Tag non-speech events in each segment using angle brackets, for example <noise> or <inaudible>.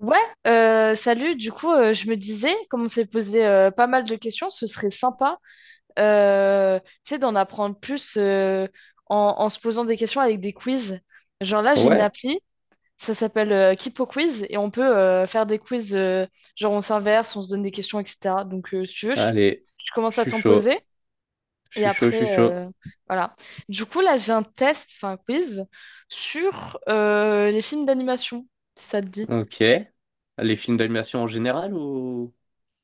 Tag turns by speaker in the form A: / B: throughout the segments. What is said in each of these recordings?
A: Ouais, salut. Du coup, je me disais, comme on s'est posé pas mal de questions, ce serait sympa, euh, tu sais, d'en apprendre plus en se posant des questions avec des quiz. Genre là, j'ai une
B: Ouais,
A: appli, ça s'appelle Kipo Quiz, et on peut faire des quiz, genre on s'inverse, on se donne des questions, etc. Donc, si tu veux, je,
B: allez,
A: je
B: je
A: commence à
B: suis
A: t'en
B: chaud,
A: poser,
B: je
A: et
B: suis chaud, je suis
A: après,
B: chaud.
A: voilà. Du coup, là, j'ai un test, enfin un quiz, sur les films d'animation, si ça te dit.
B: Ok. Les films d'animation en général ou...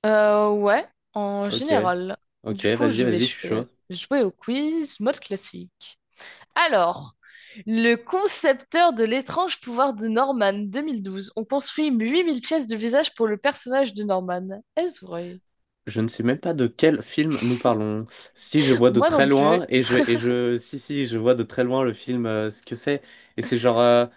A: Ouais, en
B: Ok,
A: général.
B: ok,
A: Du coup,
B: vas-y,
A: je vais
B: vas-y, je suis chaud.
A: jouer au quiz mode classique. Alors, le concepteur de l'étrange pouvoir de Norman 2012, on construit 8000 pièces de visage pour le personnage de Norman. Est-ce vrai?
B: Je ne sais même pas de quel film nous parlons. Si je vois de
A: Moi
B: très
A: non plus.
B: loin et je si je vois de très loin le film ce que c'est et c'est genre tu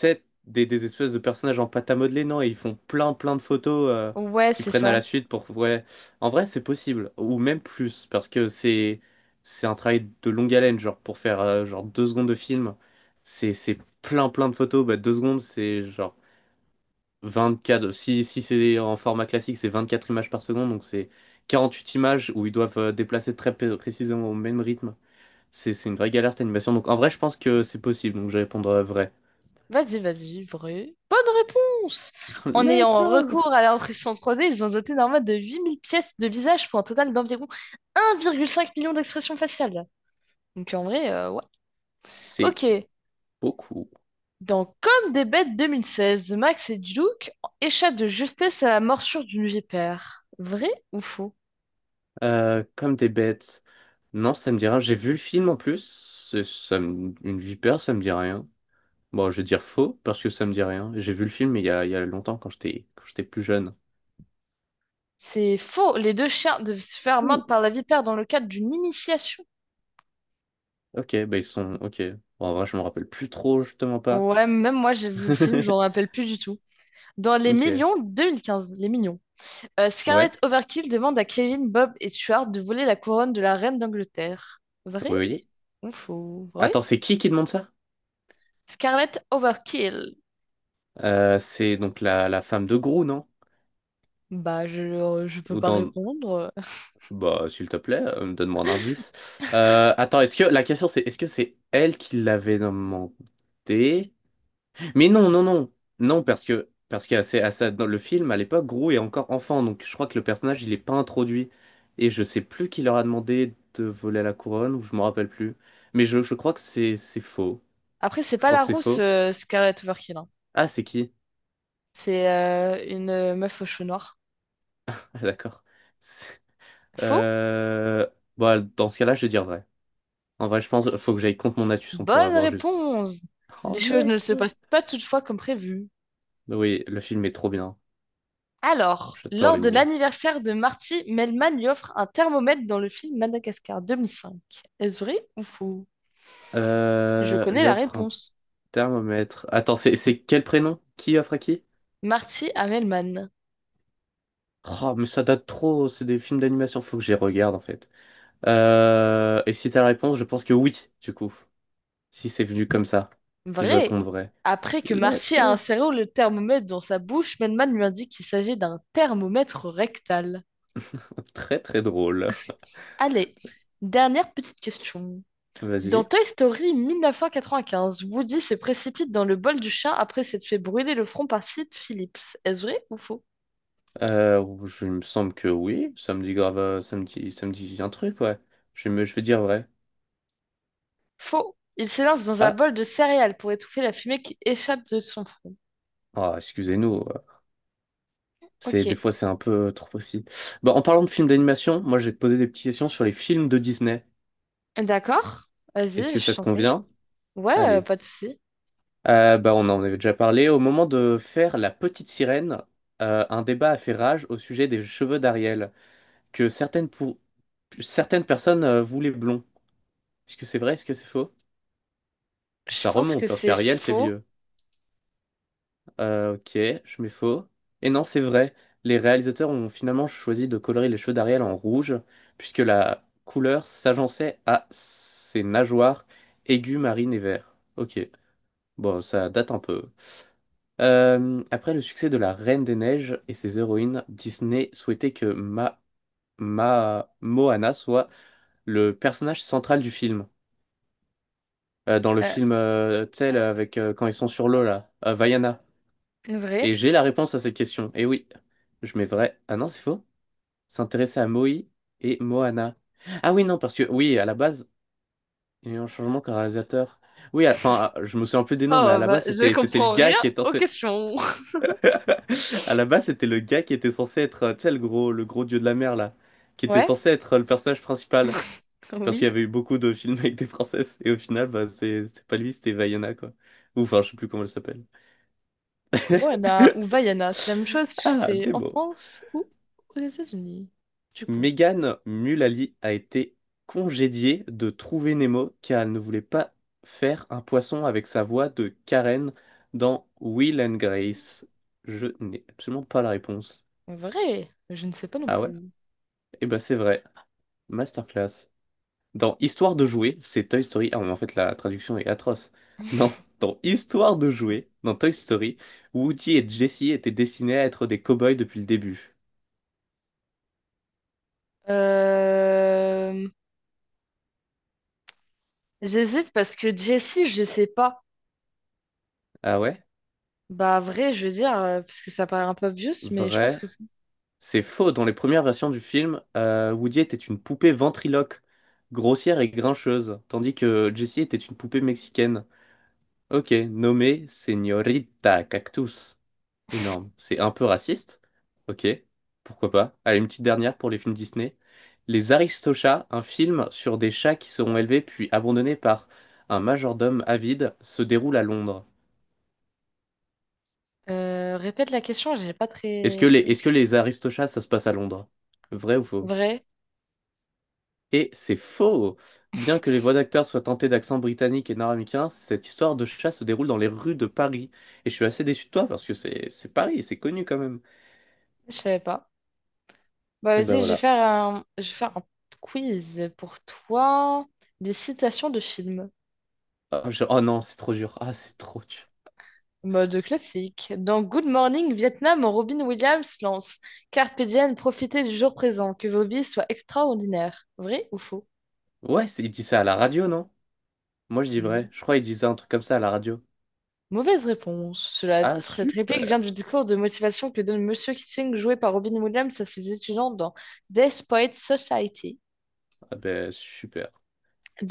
B: sais des espèces de personnages en pâte à modeler, non, et ils font plein plein de photos
A: Ouais,
B: qu'ils
A: c'est
B: prennent à
A: ça.
B: la suite pour, ouais, en vrai c'est possible ou même plus parce que c'est un travail de longue haleine, genre pour faire genre 2 secondes de film, c'est plein plein de photos. Bah 2 secondes c'est genre 24, si, si c'est en format classique, c'est 24 images par seconde, donc c'est 48 images où ils doivent déplacer très précisément au même rythme. C'est une vraie galère cette animation. Donc en vrai, je pense que c'est possible, donc je vais répondre vrai.
A: Vas-y, vas-y, vrai. Bonne réponse!
B: <laughs>
A: En
B: Let's
A: ayant
B: go!
A: recours à l'impression 3D, ils ont doté Norman de 8000 pièces de visage pour un total d'environ 1,5 million d'expressions faciales. Donc en vrai, ouais.
B: C'est
A: Ok.
B: beaucoup.
A: Dans Comme des bêtes 2016, Max et Duke échappent de justesse à la morsure d'une vipère. Vrai ou faux?
B: Comme des bêtes. Non, ça me dit rien. J'ai vu le film en plus. Une vipère, ça me dit rien. Bon, je vais dire faux parce que ça me dit rien. J'ai vu le film il y a longtemps quand j'étais plus jeune.
A: C'est faux. Les deux chiens devaient se faire mordre par
B: Ouh.
A: la vipère dans le cadre d'une initiation.
B: Ok, bah ils sont. Ok. Bon, en vrai, je me rappelle plus trop, justement pas.
A: Ouais, même moi j'ai vu le film, j'en rappelle
B: <laughs>
A: plus du tout. Dans Les
B: Ok.
A: Millions 2015, Les Millions,
B: Ouais.
A: Scarlett Overkill demande à Kevin, Bob et Stuart de voler la couronne de la reine d'Angleterre. Vrai
B: Oui, oui.
A: ou faux? Vrai?
B: Attends, c'est qui demande ça?
A: Scarlett Overkill.
B: C'est donc la femme de Gru, non?
A: Bah, je peux
B: Ou
A: pas
B: dans...
A: répondre.
B: Bah, s'il te plaît, donne-moi un indice. Attends, est-ce que la question c'est est-ce que c'est elle qui l'avait demandé? Mais non, non, non. Non, parce que dans le film à l'époque, Gru est encore enfant, donc je crois que le personnage il est pas introduit. Et je sais plus qui leur a demandé de voler la couronne, ou je me rappelle plus. Mais je crois que c'est faux.
A: Après, c'est
B: Je
A: pas
B: crois que
A: la
B: c'est
A: rousse
B: faux.
A: Scarlett Overkill, hein.
B: Ah, c'est qui?
A: C'est une meuf aux cheveux noirs.
B: Ah, d'accord. C'est-
A: Faux?
B: Euh... bah, dans ce cas-là, je vais dire vrai. En vrai, je pense faut que j'aille contre mon Atus, pour
A: Bonne
B: avoir juste.
A: réponse! Les
B: Oh,
A: choses ne
B: let's
A: se
B: go.
A: passent pas toutefois comme prévu.
B: Oui, le film est trop bien.
A: Alors,
B: J'adore
A: lors
B: les
A: de
B: mignons.
A: l'anniversaire de Marty, Melman lui offre un thermomètre dans le film Madagascar 2005. Est-ce vrai ou faux? Je connais
B: Lui
A: la
B: offre un
A: réponse.
B: thermomètre. Attends, c'est quel prénom? Qui offre à qui?
A: Marty à Melman.
B: Oh, mais ça date trop, c'est des films d'animation, faut que j'y regarde en fait. Et si t'as la réponse, je pense que oui, du coup. Si c'est venu comme ça, je réponds
A: Vrai!
B: vrai.
A: Après que
B: Let's
A: Marty a
B: go.
A: inséré le thermomètre dans sa bouche, Melman lui indique qu'il s'agit d'un thermomètre rectal.
B: Très très drôle.
A: Allez, dernière petite question. Dans
B: Vas-y.
A: Toy Story 1995, Woody se précipite dans le bol du chien après s'être fait brûler le front par Sid Phillips. Est-ce vrai ou faux?
B: Je il me semble que oui, ça me dit grave, ça me dit un truc, ouais. Je vais dire vrai.
A: Faux. Il s'élance dans un
B: Ah,
A: bol de céréales pour étouffer la fumée qui échappe de son front.
B: ah, excusez-nous, c'est
A: Ok.
B: des fois c'est un peu trop facile. Bon, en parlant de films d'animation, moi je vais te poser des petites questions sur les films de Disney.
A: D'accord.
B: Est-ce
A: Vas-y,
B: que
A: je
B: ça te
A: t'en prie.
B: convient?
A: Ouais,
B: Allez.
A: pas de souci.
B: Bah, on en avait déjà parlé. Au moment de faire La Petite Sirène, un débat a fait rage au sujet des cheveux d'Ariel, que certaines, pour... certaines personnes voulaient blond. Est-ce que c'est vrai? Est-ce que c'est faux?
A: Je
B: Ça
A: pense que
B: remonte parce
A: c'est
B: qu'Ariel c'est
A: faux.
B: vieux. Ok, je mets faux. Et non, c'est vrai. Les réalisateurs ont finalement choisi de colorer les cheveux d'Ariel en rouge, puisque la couleur s'agençait à ses nageoires aiguës, marines et verts. Ok, bon, ça date un peu. Après le succès de La Reine des Neiges et ses héroïnes, Disney souhaitait que Ma Moana soit le personnage central du film. Dans le
A: Euh,
B: film, tu sais, là, avec quand ils sont sur l'eau là, Vaiana.
A: Vrai.
B: Et j'ai la réponse à cette question. Et oui, je mets vrai. Ah non, c'est faux. S'intéresser à Moï et Moana. Ah oui, non, parce que oui, à la base, il y a eu un changement qu'un réalisateur. Oui, je me souviens plus des noms, mais à
A: Oh,
B: la
A: bah,
B: base,
A: je
B: c'était le
A: comprends
B: gars
A: rien
B: qui était
A: aux
B: censé.
A: questions. <laughs>
B: <laughs> À la base, c'était le gars qui était censé être, tu sais, le gros dieu de la mer, là, qui était
A: Ouais,
B: censé être le personnage principal. Parce qu'il y
A: oui.
B: avait eu beaucoup de films avec des princesses, et au final, bah, c'est pas lui, c'était Vaiana, quoi. Ou enfin, je sais plus comment elle s'appelle.
A: Moana ou
B: <laughs>
A: Vaiana, c'est la même chose, parce que
B: Ah,
A: c'est en
B: Nemo.
A: France ou aux États-Unis. Du coup.
B: Megan Mullally a été congédiée de Trouver Nemo car elle ne voulait pas faire un poisson avec sa voix de Karen dans Will and Grace. Je n'ai absolument pas la réponse.
A: Vrai, je ne sais pas non
B: Ah ouais?
A: plus.
B: Eh ben c'est vrai. Masterclass. Dans Histoire de jouer, c'est Toy Story. Ah, mais en fait, la traduction est atroce. Dans, dans Histoire de jouer, dans Toy Story, Woody et Jessie étaient destinés à être des cow-boys depuis le début.
A: Euh, J'hésite parce que Jessie, je sais pas.
B: Ah ouais?
A: Bah vrai, je veux dire, parce que ça paraît un peu obvious, mais je pense
B: Vrai.
A: que c'est-
B: C'est faux. Dans les premières versions du film, Woody était une poupée ventriloque, grossière et grincheuse, tandis que Jessie était une poupée mexicaine. Ok, nommée Señorita Cactus. Énorme. C'est un peu raciste. Ok, pourquoi pas. Allez, une petite dernière pour les films Disney. Les Aristochats, un film sur des chats qui seront élevés puis abandonnés par un majordome avide, se déroule à Londres.
A: Répète la question, j'ai pas
B: Est-ce que les Aristochats, ça se passe à Londres? Vrai ou faux?
A: Vrai,
B: Et c'est faux! Bien que les voix d'acteurs soient teintées d'accent britannique et nord-américain, cette histoire de chat se déroule dans les rues de Paris. Et je suis assez déçu de toi parce que c'est Paris, c'est connu quand même.
A: je savais pas. Bah
B: Et ben
A: vas-y,
B: voilà.
A: je vais faire un quiz pour toi. Des citations de films.
B: Oh, non, c'est trop dur. Ah, c'est trop dur.
A: Mode classique. Dans Good Morning Vietnam, Robin Williams lance Carpe diem, profitez du jour présent, que vos vies soient extraordinaires. Vrai ou faux?
B: Ouais, c'est- il dit ça à la radio, non? Moi, je dis vrai. Je crois qu'il disait un truc comme ça à la radio.
A: Mauvaise réponse.
B: Ah,
A: Cette réplique vient
B: super!
A: du discours de motivation que donne Monsieur Keating, joué par Robin Williams, à ses étudiants dans Death Poets Society.
B: Ah ben, super.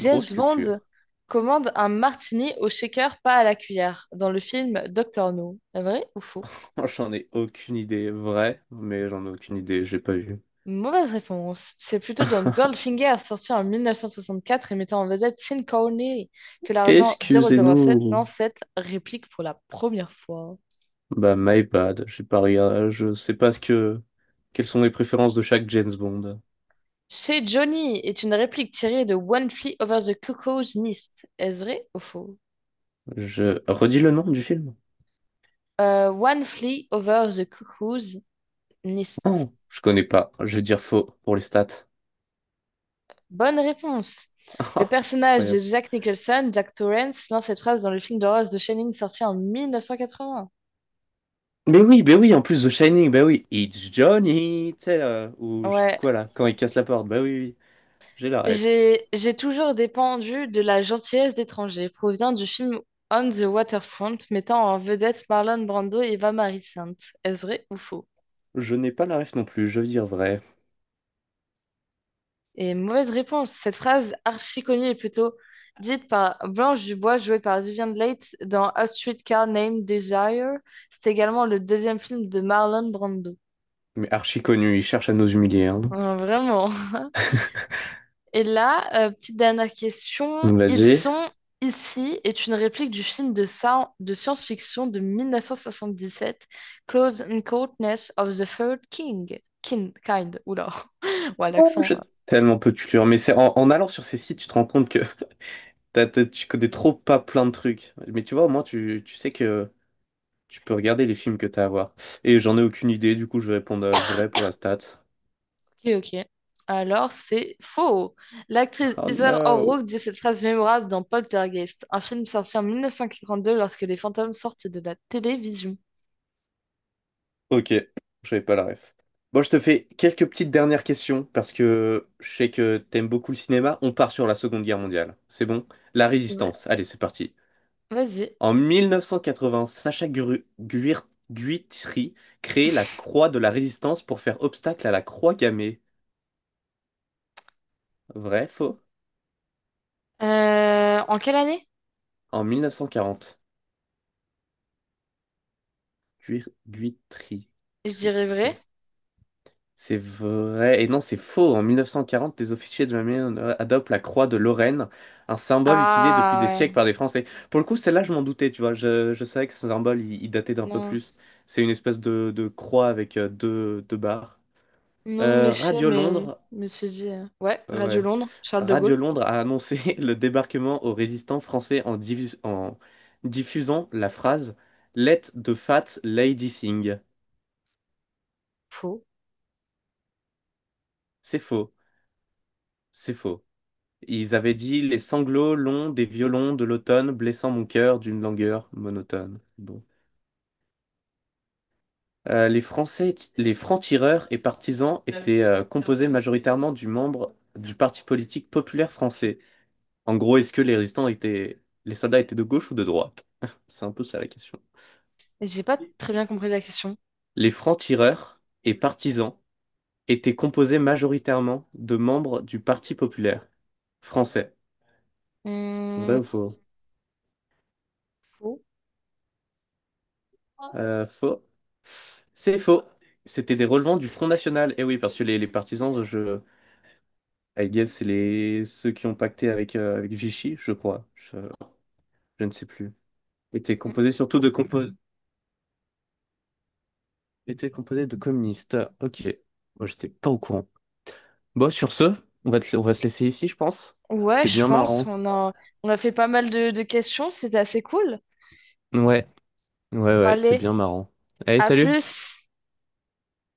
B: Grosse culture.
A: Bond commande un martini au shaker, pas à la cuillère, dans le film Doctor No. Vrai ou faux?
B: <laughs> J'en ai aucune idée. Vrai, mais j'en ai aucune idée. J'ai pas vu.
A: Mauvaise réponse. C'est plutôt dans
B: <laughs>
A: Goldfinger, sorti en 1964 et mettant en vedette Sean Connery, que l'argent 007
B: Excusez-nous.
A: lance cette réplique pour la première fois.
B: Bah, my bad. J'ai pas regardé. Je sais pas ce que. Quelles sont les préférences de chaque James Bond.
A: Chez Johnny est une réplique tirée de One Flew Over the Cuckoo's Nest. Est-ce vrai ou faux?
B: Je redis le nom du film.
A: One Flew Over the Cuckoo's Nest.
B: Oh, je connais pas. Je vais dire faux pour les stats.
A: Bonne réponse.
B: <laughs>
A: Le
B: Ah,
A: personnage de
B: incroyable.
A: Jack Nicholson, Jack Torrance, lance cette phrase dans le film d'horreur de Shining sorti en 1980.
B: Mais oui, mais oui. En plus, The Shining. Bah oui. It's Johnny. Tu sais, ou je sais plus
A: Ouais,
B: quoi là. Quand il casse la porte. Bah oui, oui, oui. J'ai la ref.
A: j'ai toujours dépendu de la gentillesse d'étrangers, provient du film On the Waterfront, mettant en vedette Marlon Brando et Eva Marie Saint. Est-ce vrai ou faux?
B: Je n'ai pas la ref non plus. Je veux dire vrai.
A: Et mauvaise réponse. Cette phrase archi connue est plutôt dite par Blanche Dubois, jouée par Vivian Leigh dans A Streetcar Named Desire. C'est également le deuxième film de Marlon Brando.
B: Mais archi connu. Il cherche à nous humilier. Hein.
A: Vraiment. <laughs>
B: <laughs>
A: Et là, petite dernière
B: Il
A: question.
B: nous...
A: Ils sont ici est une réplique du film de science-fiction de 1977, Close Encounters of the Third King. Kind, oula, <laughs> ouais,
B: Oh,
A: l'accent.
B: j'ai tellement peu de culture. Mais c'est en allant sur ces sites, tu te rends compte que tu connais trop pas plein de trucs. Mais tu vois, au moins, tu sais que tu peux regarder les films que t'as à voir. Et j'en ai aucune idée, du coup, je vais répondre vrai pour la stat.
A: Ok, ok. Alors, c'est faux. L'actrice
B: Oh
A: Heather
B: no!
A: O'Rourke dit cette phrase mémorable dans Poltergeist, un film sorti en 1942 lorsque les fantômes sortent de la télévision.
B: Ok, j'avais pas la ref. Bon, je te fais quelques petites dernières questions, parce que je sais que t'aimes beaucoup le cinéma. On part sur la Seconde Guerre mondiale. C'est bon? La
A: Ouais.
B: Résistance. Allez, c'est parti.
A: Vas-y.
B: En 1980, Sacha Guitry crée la Croix de la Résistance pour faire obstacle à la Croix gammée. Vrai, faux?
A: En quelle année?
B: En 1940. Guitry.
A: Je dirais vrai.
B: Guitry. C'est vrai. Et non, c'est faux. En 1940, des officiers de la mer adoptent la croix de Lorraine, un symbole utilisé depuis
A: Ah
B: des siècles
A: ouais.
B: par des Français. Pour le coup, celle-là, je m'en doutais, tu vois. Je savais que ce symbole, il datait d'un peu
A: Non.
B: plus. C'est une espèce de croix avec deux, deux barres.
A: Non, mais je sais,
B: Radio
A: mais
B: Londres,
A: je me suis dit, ouais, Radio
B: ouais.
A: Londres, Charles de
B: Radio
A: Gaulle.
B: Londres a annoncé <laughs> le débarquement aux résistants français en, diffusant la phrase Let the fat lady sing.
A: Faux.
B: C'est faux. C'est faux. Ils avaient dit les sanglots longs des violons de l'automne blessant mon cœur d'une langueur monotone. Bon. Les Français, les francs-tireurs et partisans étaient composés majoritairement du membres du Parti politique populaire français. En gros, est-ce que les résistants étaient, les soldats étaient de gauche ou de droite? <laughs> C'est un peu ça la question.
A: Et j'ai pas très bien compris la question.
B: Les francs-tireurs et partisans étaient composés majoritairement de membres du Parti populaire français. Vrai
A: Hum,
B: ou faux?
A: faux.
B: Faux. C'est faux. C'était des relevants du Front National. Et oui, parce que les partisans, je, I guess, c'est les, ceux qui ont pacté avec, avec Vichy, je crois. Je ne sais plus. Était
A: Hum.
B: composé surtout de, était composé de communistes. Ok. Moi, j'étais pas au courant. Bon, sur ce, on va se laisser ici, je pense.
A: Ouais,
B: C'était
A: je
B: bien
A: pense.
B: marrant.
A: On a fait pas mal de questions. C'était assez cool.
B: Ouais, ouais,
A: Bon,
B: ouais, c'est
A: allez,
B: bien marrant. Allez,
A: à
B: salut!
A: plus.